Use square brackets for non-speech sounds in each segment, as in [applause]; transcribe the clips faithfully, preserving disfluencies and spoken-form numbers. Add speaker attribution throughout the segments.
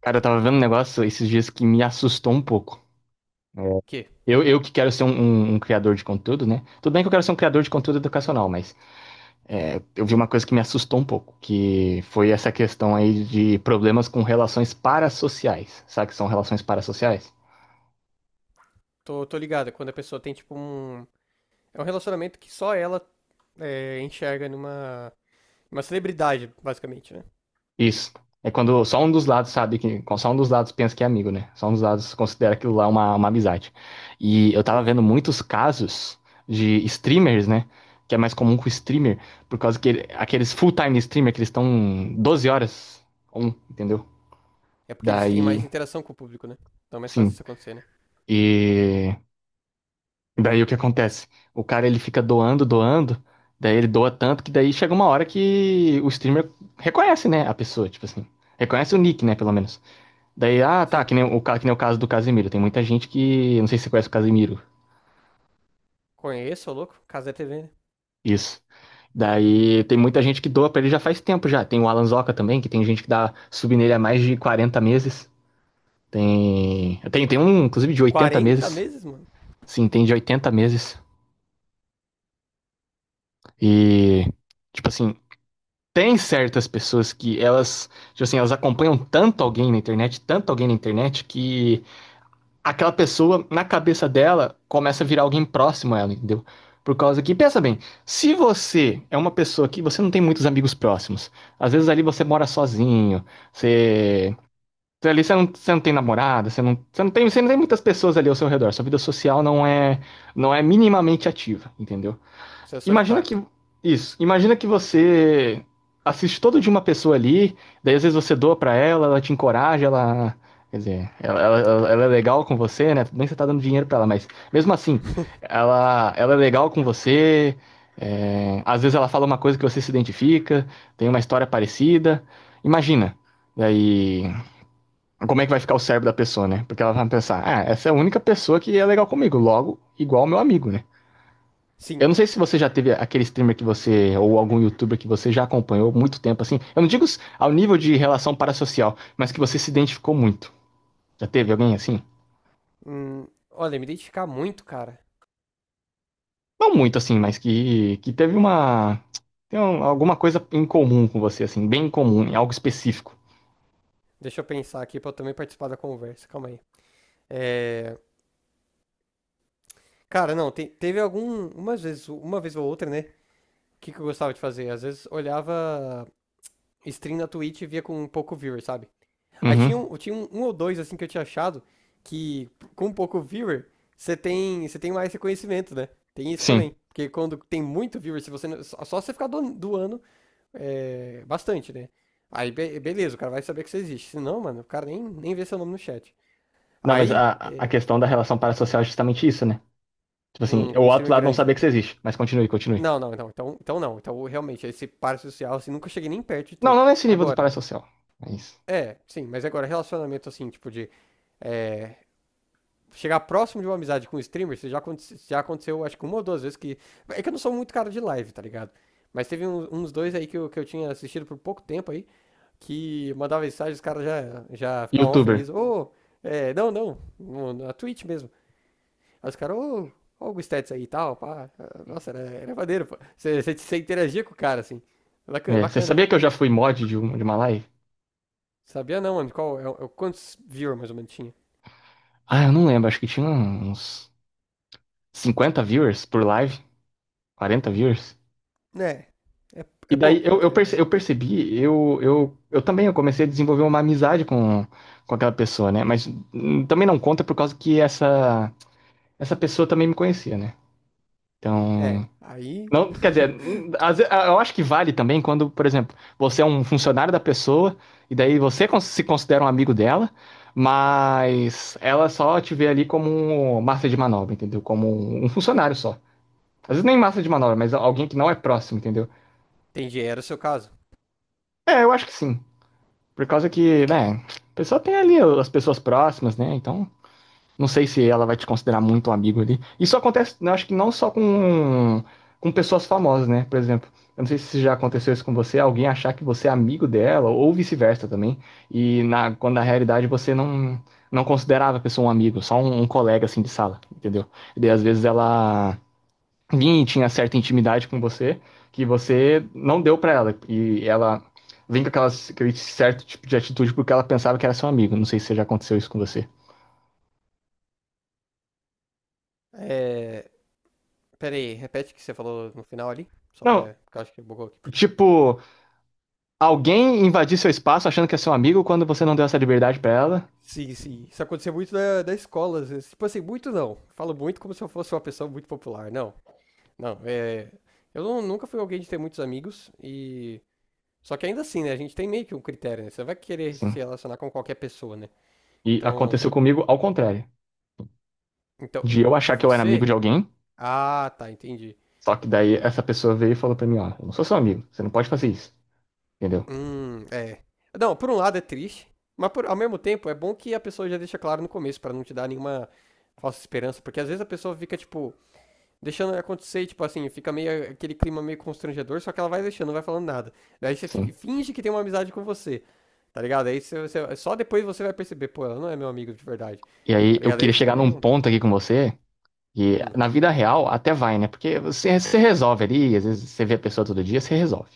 Speaker 1: Cara, eu tava vendo um negócio esses dias que me assustou um pouco. É.
Speaker 2: Que?
Speaker 1: Eu, eu que quero ser um, um- um criador de conteúdo, né? Tudo bem que eu quero ser um criador de conteúdo educacional, mas é, eu vi uma coisa que me assustou um pouco, que foi essa questão aí de problemas com relações parassociais. Sabe o que são relações parassociais?
Speaker 2: Tô, tô ligado, quando a pessoa tem tipo um. É um relacionamento que só ela é, enxerga numa. Uma celebridade, basicamente, né?
Speaker 1: Isso. É quando só um dos lados sabe que. Só um dos lados pensa que é amigo, né? Só um dos lados considera aquilo lá uma, uma amizade. E eu tava vendo
Speaker 2: Entendi.
Speaker 1: muitos casos de streamers, né? Que é mais comum com streamer, por causa que ele- aqueles full-time streamer que eles estão doze horas on, entendeu?
Speaker 2: É porque eles têm mais
Speaker 1: Daí,
Speaker 2: interação com o público, né? Então é mais fácil
Speaker 1: sim.
Speaker 2: isso acontecer, né?
Speaker 1: E daí o que acontece? O cara ele fica doando, doando, daí ele doa tanto que daí chega uma hora que o streamer reconhece, né, a pessoa, tipo assim. Reconhece o nick, né, pelo menos. Daí, ah, tá,
Speaker 2: Sim.
Speaker 1: que nem o, ca- que nem o caso do Casemiro. Tem muita gente que. Não sei se você conhece o Casemiro.
Speaker 2: Conheço, ô louco. Casé T V, né?
Speaker 1: Isso. Daí tem muita gente que doa pra ele já faz tempo já. Tem o Alan Zoca também, que tem gente que dá sub nele há mais de quarenta meses. Tem. Tem, tem um, inclusive, de oitenta
Speaker 2: quarenta
Speaker 1: meses.
Speaker 2: meses, mano?
Speaker 1: Sim, tem de oitenta meses. E. Tipo assim, tem certas pessoas que elas. Tipo assim, elas acompanham tanto alguém na internet, tanto alguém na internet, que aquela pessoa, na cabeça dela, começa a virar alguém próximo a ela, entendeu? Por causa que, pensa bem, se você é uma pessoa que você não tem muitos amigos próximos, às vezes ali você mora sozinho, você. você Ali você não, você não tem namorada, você não, você, não tem, você não tem muitas pessoas ali ao seu redor, sua vida social não é, não é minimamente ativa, entendeu?
Speaker 2: Você é
Speaker 1: Imagina
Speaker 2: solitário.
Speaker 1: que. Isso. Imagina que você assiste todo de uma pessoa ali, daí às vezes você doa pra ela, ela te encoraja, ela. Quer dizer, ela, ela- ela ela é legal com você, né? Tudo bem que você tá dando dinheiro pra ela, mas mesmo assim,
Speaker 2: [laughs]
Speaker 1: ela, ela é legal com você. é, às vezes ela fala uma coisa que você se identifica, tem uma história parecida. Imagina. Daí, como é que vai ficar o cérebro da pessoa, né? Porque ela vai pensar, ah, essa é a única pessoa que é legal comigo, logo, igual ao meu amigo, né?
Speaker 2: Sim.
Speaker 1: Eu não sei se você já teve aquele streamer que você, ou algum youtuber que você já acompanhou muito tempo, assim. Eu não digo ao nível de relação parasocial, mas que você se identificou muito. Já teve alguém assim?
Speaker 2: Hum, Olha, me identificar muito, cara.
Speaker 1: Não muito assim, mas que, que teve uma. Tem um- alguma coisa em comum com você, assim, bem em comum, em algo específico.
Speaker 2: Deixa eu pensar aqui pra eu também participar da conversa. Calma aí. É... Cara, não, te- teve algumas vezes, uma vez ou outra, né? O que, que eu gostava de fazer? Às vezes olhava stream na Twitch e via com um pouco viewer, sabe? Aí tinha
Speaker 1: Uhum,
Speaker 2: um, tinha um, um ou dois, assim, que eu tinha achado que com um pouco viewer, você tem, você tem mais reconhecimento, né? Tem isso
Speaker 1: sim.
Speaker 2: também. Porque quando tem muito viewer, se você, só você ficar doando é, bastante, né? Aí, be- beleza, o cara vai saber que você existe. Se não, mano, o cara nem, nem vê seu nome no chat.
Speaker 1: Não, mas
Speaker 2: Aí,
Speaker 1: a, a
Speaker 2: é,
Speaker 1: questão da relação parasocial é justamente isso, né? Tipo assim,
Speaker 2: um,
Speaker 1: o
Speaker 2: um
Speaker 1: outro
Speaker 2: streamer
Speaker 1: lado não
Speaker 2: grande,
Speaker 1: sabia
Speaker 2: né?
Speaker 1: que você existe, mas continue, continue.
Speaker 2: Não, não, não. Então, então não. Então, realmente, esse par social, assim, nunca cheguei nem perto de
Speaker 1: Não,
Speaker 2: ter.
Speaker 1: não nesse nível do
Speaker 2: Agora,
Speaker 1: parasocial. Mas.
Speaker 2: é, sim, mas agora, relacionamento, assim, tipo, de é, chegar próximo de uma amizade com um streamer, isso já, aconte- já aconteceu, acho que uma ou duas vezes que. É que eu não sou muito cara de live, tá ligado? Mas teve um- uns dois aí que eu, que eu, tinha assistido por pouco tempo aí, que mandava mensagem, os caras já, já ficavam ó
Speaker 1: Youtuber.
Speaker 2: felizes. Ô, oh, é, não, não, na Twitch mesmo. Aí os caras, ô, ó o Gustetz aí e tal, pá. Nossa, era, era maneiro, pô. Você, você, você interagia com o cara, assim. Bacana,
Speaker 1: É, você
Speaker 2: bacana, pô,
Speaker 1: sabia que eu já
Speaker 2: bacana.
Speaker 1: fui mod de, um, de uma live?
Speaker 2: Sabia não, mano, qual, é, é quantos viewers mais ou menos tinha?
Speaker 1: Ah, eu não lembro, acho que tinha uns cinquenta viewers por live, quarenta viewers.
Speaker 2: É, é,
Speaker 1: E
Speaker 2: é
Speaker 1: daí
Speaker 2: pouco
Speaker 1: eu, eu,
Speaker 2: até,
Speaker 1: perce-
Speaker 2: mais ou
Speaker 1: eu
Speaker 2: menos.
Speaker 1: percebi, eu, eu, eu também eu comecei a desenvolver uma amizade com, com aquela pessoa, né? Mas hum, também não conta por causa que essa, essa pessoa também me conhecia, né?
Speaker 2: É,
Speaker 1: Então,
Speaker 2: aí.
Speaker 1: não, quer dizer, hum,
Speaker 2: [laughs]
Speaker 1: às ve- eu acho que vale também quando, por exemplo, você é um funcionário da pessoa e daí você cons- se considera um amigo dela, mas ela só te vê ali como um massa de manobra, entendeu? Como um um funcionário só. Às vezes nem massa de manobra, mas alguém que não é próximo, entendeu?
Speaker 2: Entendi, era o seu caso.
Speaker 1: É, eu acho que sim. Por causa que, né, a pessoa tem ali as pessoas próximas, né? Então, não sei se ela vai te considerar muito um amigo ali. Isso acontece, eu acho que não só com, com pessoas famosas, né? Por exemplo, eu não sei se já aconteceu isso com você, alguém achar que você é amigo dela, ou vice-versa também. E na, quando na realidade você não, não considerava a pessoa um amigo, só um, um colega assim de sala, entendeu? E daí, às vezes ela vinha e tinha certa intimidade com você que você não deu pra ela. E ela vem com aquelas, aquele certo tipo de atitude porque ela pensava que era seu amigo. Não sei se já aconteceu isso com você.
Speaker 2: É. Pera aí, repete o que você falou no final ali. Só
Speaker 1: Não,
Speaker 2: pra. Porque eu acho que bugou aqui.
Speaker 1: tipo, alguém invadir seu espaço achando que é seu amigo quando você não deu essa liberdade pra ela.
Speaker 2: Sim, sim. Isso acontecia muito da, da escola. Às vezes. Tipo assim, muito não. Falo muito como se eu fosse uma pessoa muito popular. Não, não. É... Eu não- nunca fui alguém de ter muitos amigos e. Só que ainda assim, né? A gente tem meio que um critério, né? Você não vai querer
Speaker 1: Sim.
Speaker 2: se relacionar com qualquer pessoa, né?
Speaker 1: E
Speaker 2: Então.
Speaker 1: aconteceu comigo ao contrário.
Speaker 2: Então,
Speaker 1: De eu
Speaker 2: de
Speaker 1: achar que eu era amigo
Speaker 2: você?
Speaker 1: de alguém,
Speaker 2: Ah, tá, entendi.
Speaker 1: só que daí essa pessoa veio e falou pra mim, ó, eu não sou seu amigo, você não pode fazer isso, entendeu?
Speaker 2: Hum, é. Não, por um lado é triste, mas por- ao mesmo tempo é bom que a pessoa já deixa claro no começo pra não te dar nenhuma falsa esperança, porque às vezes a pessoa fica tipo deixando acontecer, e, tipo assim, fica meio aquele clima meio constrangedor, só que ela vai deixando, não vai falando nada. Daí você fi-
Speaker 1: Sim.
Speaker 2: finge que tem uma amizade com você, tá ligado? Aí você, você- só depois você vai perceber, pô, ela não é meu amigo de verdade,
Speaker 1: E
Speaker 2: tá
Speaker 1: aí eu
Speaker 2: ligado? Aí
Speaker 1: queria
Speaker 2: fica
Speaker 1: chegar num
Speaker 2: meio,
Speaker 1: ponto aqui com você. E
Speaker 2: hum,
Speaker 1: na vida real até vai, né? Porque você, você resolve ali, às vezes você vê a pessoa todo dia, você resolve.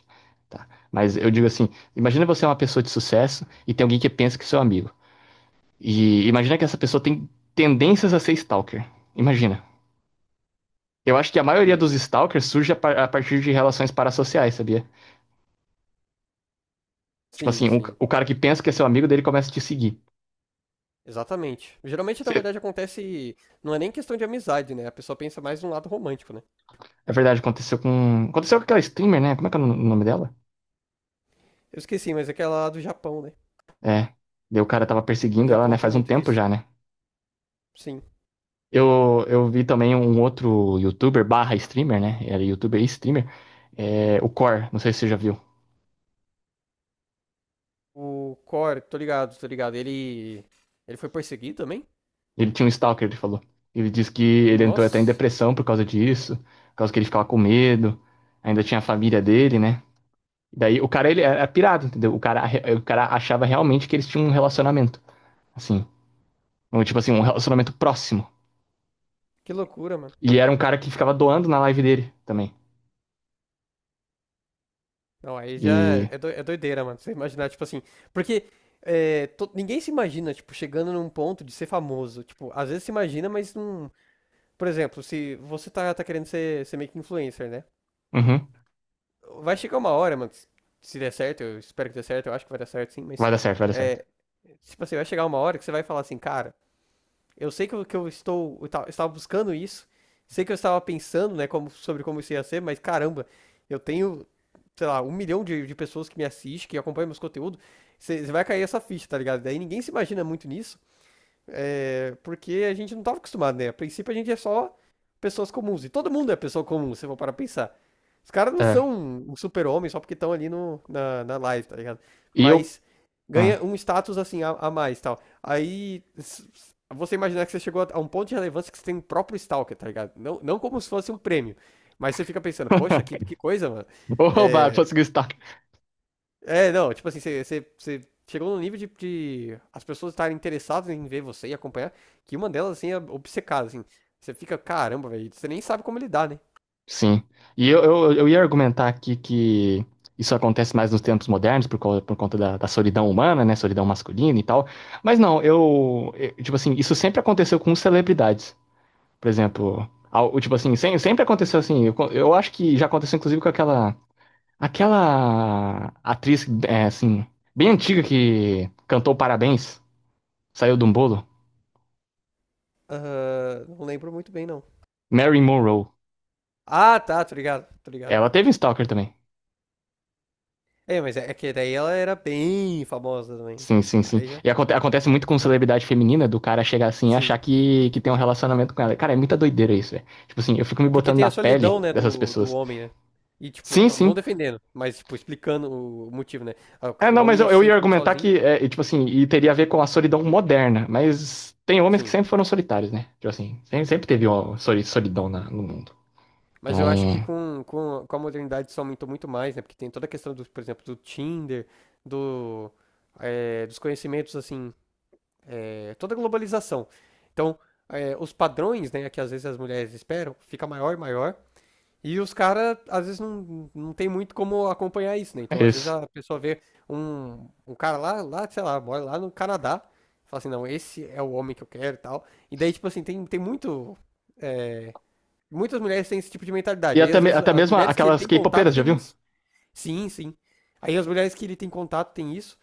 Speaker 1: Tá? Mas eu digo assim, imagina você é uma pessoa de sucesso e tem alguém que pensa que é seu amigo. E imagina que essa pessoa tem tendências a ser stalker. Imagina. Eu acho que a maioria
Speaker 2: hum.
Speaker 1: dos stalkers surge a, par- a partir de relações parassociais, sabia? Tipo
Speaker 2: Sim,
Speaker 1: assim, um ca-
Speaker 2: sim.
Speaker 1: o cara que pensa que é seu amigo dele começa a te seguir.
Speaker 2: Exatamente. Geralmente, na
Speaker 1: Você-
Speaker 2: verdade, acontece. Não é nem questão de amizade, né? A pessoa pensa mais num lado romântico, né?
Speaker 1: É verdade, aconteceu com. Aconteceu com aquela streamer, né? Como é que é o nome dela?
Speaker 2: Eu esqueci, mas aquela lá do Japão, né?
Speaker 1: É. Daí o cara tava
Speaker 2: O
Speaker 1: perseguindo ela,
Speaker 2: Japão
Speaker 1: né?
Speaker 2: tem
Speaker 1: Faz um
Speaker 2: muito
Speaker 1: tempo
Speaker 2: disso.
Speaker 1: já, né?
Speaker 2: Sim.
Speaker 1: Eu, eu vi também um outro youtuber barra streamer, né? Era youtuber e streamer. É, o Core, não sei se você já viu.
Speaker 2: O Core, tô ligado, tô ligado. Ele. Ele foi perseguido também?
Speaker 1: Ele tinha um stalker, ele falou. Ele disse que ele entrou até em
Speaker 2: Nossa,
Speaker 1: depressão por causa disso, por causa que ele ficava com medo. Ainda tinha a família dele, né? Daí o cara, ele era pirado, entendeu? O cara, o cara achava realmente que eles tinham um relacionamento, assim. Um, tipo assim, um relacionamento próximo.
Speaker 2: que loucura, mano.
Speaker 1: E era um cara que ficava doando na live dele também.
Speaker 2: Não, aí já é
Speaker 1: E...
Speaker 2: é doi- é doideira, mano. Você imaginar, tipo assim. Porque é, to- ninguém se imagina, tipo, chegando num ponto de ser famoso. Tipo, às vezes se imagina, mas não. Por exemplo, se você tá, tá querendo ser, ser meio que influencer, né?
Speaker 1: Uhum.
Speaker 2: Vai chegar uma hora, mano, que se der certo, eu espero que dê certo, eu acho que vai dar certo sim, mas.
Speaker 1: Vai dar certo, vai dar certo.
Speaker 2: É, tipo assim, vai chegar uma hora que você vai falar assim, cara, eu sei que eu, que eu estou, eu estava buscando isso, sei que eu estava pensando, né, como, sobre como isso ia ser, mas caramba, eu tenho, sei lá, um milhão de, de pessoas que me assistem, que acompanham meus conteúdos, você vai cair essa ficha, tá ligado? Daí ninguém se imagina muito nisso, é, porque a gente não estava acostumado, né? A princípio a gente é só pessoas comuns. E todo mundo é pessoa comum, se eu for para pensar. Os caras não são
Speaker 1: É.
Speaker 2: um super-homem só porque estão ali no, na, na live, tá ligado?
Speaker 1: E eu...
Speaker 2: Mas
Speaker 1: ah.
Speaker 2: ganha um status assim a, a mais tal. Aí s- s- você imaginar que você chegou a a um ponto de relevância que você tem um próprio Stalker, tá ligado? Não, não como se fosse um prêmio. Mas você fica pensando, poxa, que,
Speaker 1: [laughs]
Speaker 2: que coisa, mano.
Speaker 1: [laughs] Oba,
Speaker 2: É,
Speaker 1: conseguiu destaque.
Speaker 2: é, não, tipo assim, você, você, você chegou num nível de, de as pessoas estarem interessadas em ver você e acompanhar, que uma delas, assim, é obcecada, assim. Você fica, caramba, velho, você nem sabe como lidar, né?
Speaker 1: Sim. E eu, eu, eu ia argumentar aqui que isso acontece mais nos tempos modernos por, causa- por conta da, da solidão humana, né? Solidão masculina e tal. Mas não, eu, eu- tipo assim, isso sempre aconteceu com celebridades. Por exemplo, ao- tipo assim, sem- sempre aconteceu assim. Eu, co- eu acho que já aconteceu inclusive com aquela. Aquela atriz, é, assim, bem antiga que cantou Parabéns, saiu de um bolo.
Speaker 2: Ahn, não lembro muito bem, não.
Speaker 1: Mary Monroe.
Speaker 2: Ah, tá, tô ligado, tô ligado.
Speaker 1: Ela teve um stalker também.
Speaker 2: É, mas é, é que daí ela era bem famosa também, né?
Speaker 1: Sim, sim, sim.
Speaker 2: Aí já.
Speaker 1: E aconte- acontece muito com celebridade feminina, do cara chegar assim e
Speaker 2: Sim.
Speaker 1: achar que, que tem um relacionamento com ela. Cara, é muita doideira isso, velho. Tipo assim, eu fico me
Speaker 2: É porque
Speaker 1: botando
Speaker 2: tem a
Speaker 1: na
Speaker 2: solidão,
Speaker 1: pele
Speaker 2: né,
Speaker 1: dessas
Speaker 2: do, do
Speaker 1: pessoas.
Speaker 2: homem, né? E, tipo,
Speaker 1: Sim,
Speaker 2: não, não
Speaker 1: sim.
Speaker 2: defendendo, mas, tipo, explicando o, o motivo, né? Ah,
Speaker 1: É,
Speaker 2: O, o
Speaker 1: não,
Speaker 2: homem
Speaker 1: mas
Speaker 2: ele
Speaker 1: eu,
Speaker 2: se
Speaker 1: eu ia
Speaker 2: sente muito
Speaker 1: argumentar
Speaker 2: sozinho.
Speaker 1: que, é, e, tipo assim, e teria a ver com a solidão moderna. Mas tem homens que
Speaker 2: Sim.
Speaker 1: sempre foram solitários, né? Tipo assim, sempre, sempre teve uma soli- solidão na- no mundo.
Speaker 2: Mas
Speaker 1: Então,
Speaker 2: eu acho que com, com, com a modernidade isso aumentou muito mais, né? Porque tem toda a questão, do, por exemplo, do Tinder, do, eh, dos conhecimentos, assim, eh, toda a globalização. Então, eh, os padrões, né, que às vezes as mulheres esperam, fica maior e maior. E os caras, às vezes, não, não tem muito como acompanhar isso, né? Então,
Speaker 1: é
Speaker 2: às vezes,
Speaker 1: isso.
Speaker 2: a pessoa vê um, um cara lá, lá, sei lá, mora lá no Canadá, fala assim, não, esse é o homem que eu quero e tal. E daí, tipo assim, tem, tem muito Muitas mulheres têm esse tipo de
Speaker 1: E
Speaker 2: mentalidade. Aí,
Speaker 1: até,
Speaker 2: às
Speaker 1: me-
Speaker 2: vezes,
Speaker 1: até
Speaker 2: as
Speaker 1: mesmo
Speaker 2: mulheres que ele
Speaker 1: aquelas
Speaker 2: tem contato
Speaker 1: K-popeiras, já
Speaker 2: têm
Speaker 1: viu?
Speaker 2: isso. Sim, sim. Aí, as mulheres que ele tem contato têm isso.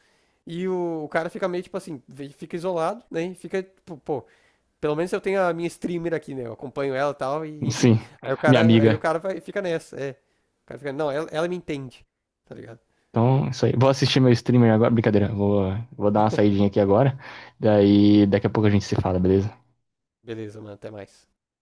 Speaker 2: E o, o cara fica meio tipo assim, ve- fica isolado, né? E fica, tipo, pô, pelo menos eu tenho a minha streamer aqui, né? Eu acompanho ela e tal, e enfim.
Speaker 1: Sim,
Speaker 2: Aí o
Speaker 1: minha
Speaker 2: cara, aí o
Speaker 1: amiga.
Speaker 2: cara vai, fica nessa, é. O cara fica, não, ela, ela, me entende, tá ligado?
Speaker 1: Então, é isso aí. Vou assistir meu streamer agora. Brincadeira, vou, vou dar uma saidinha aqui agora. Daí, daqui a pouco a gente se fala, beleza?
Speaker 2: Beleza, mano, até mais.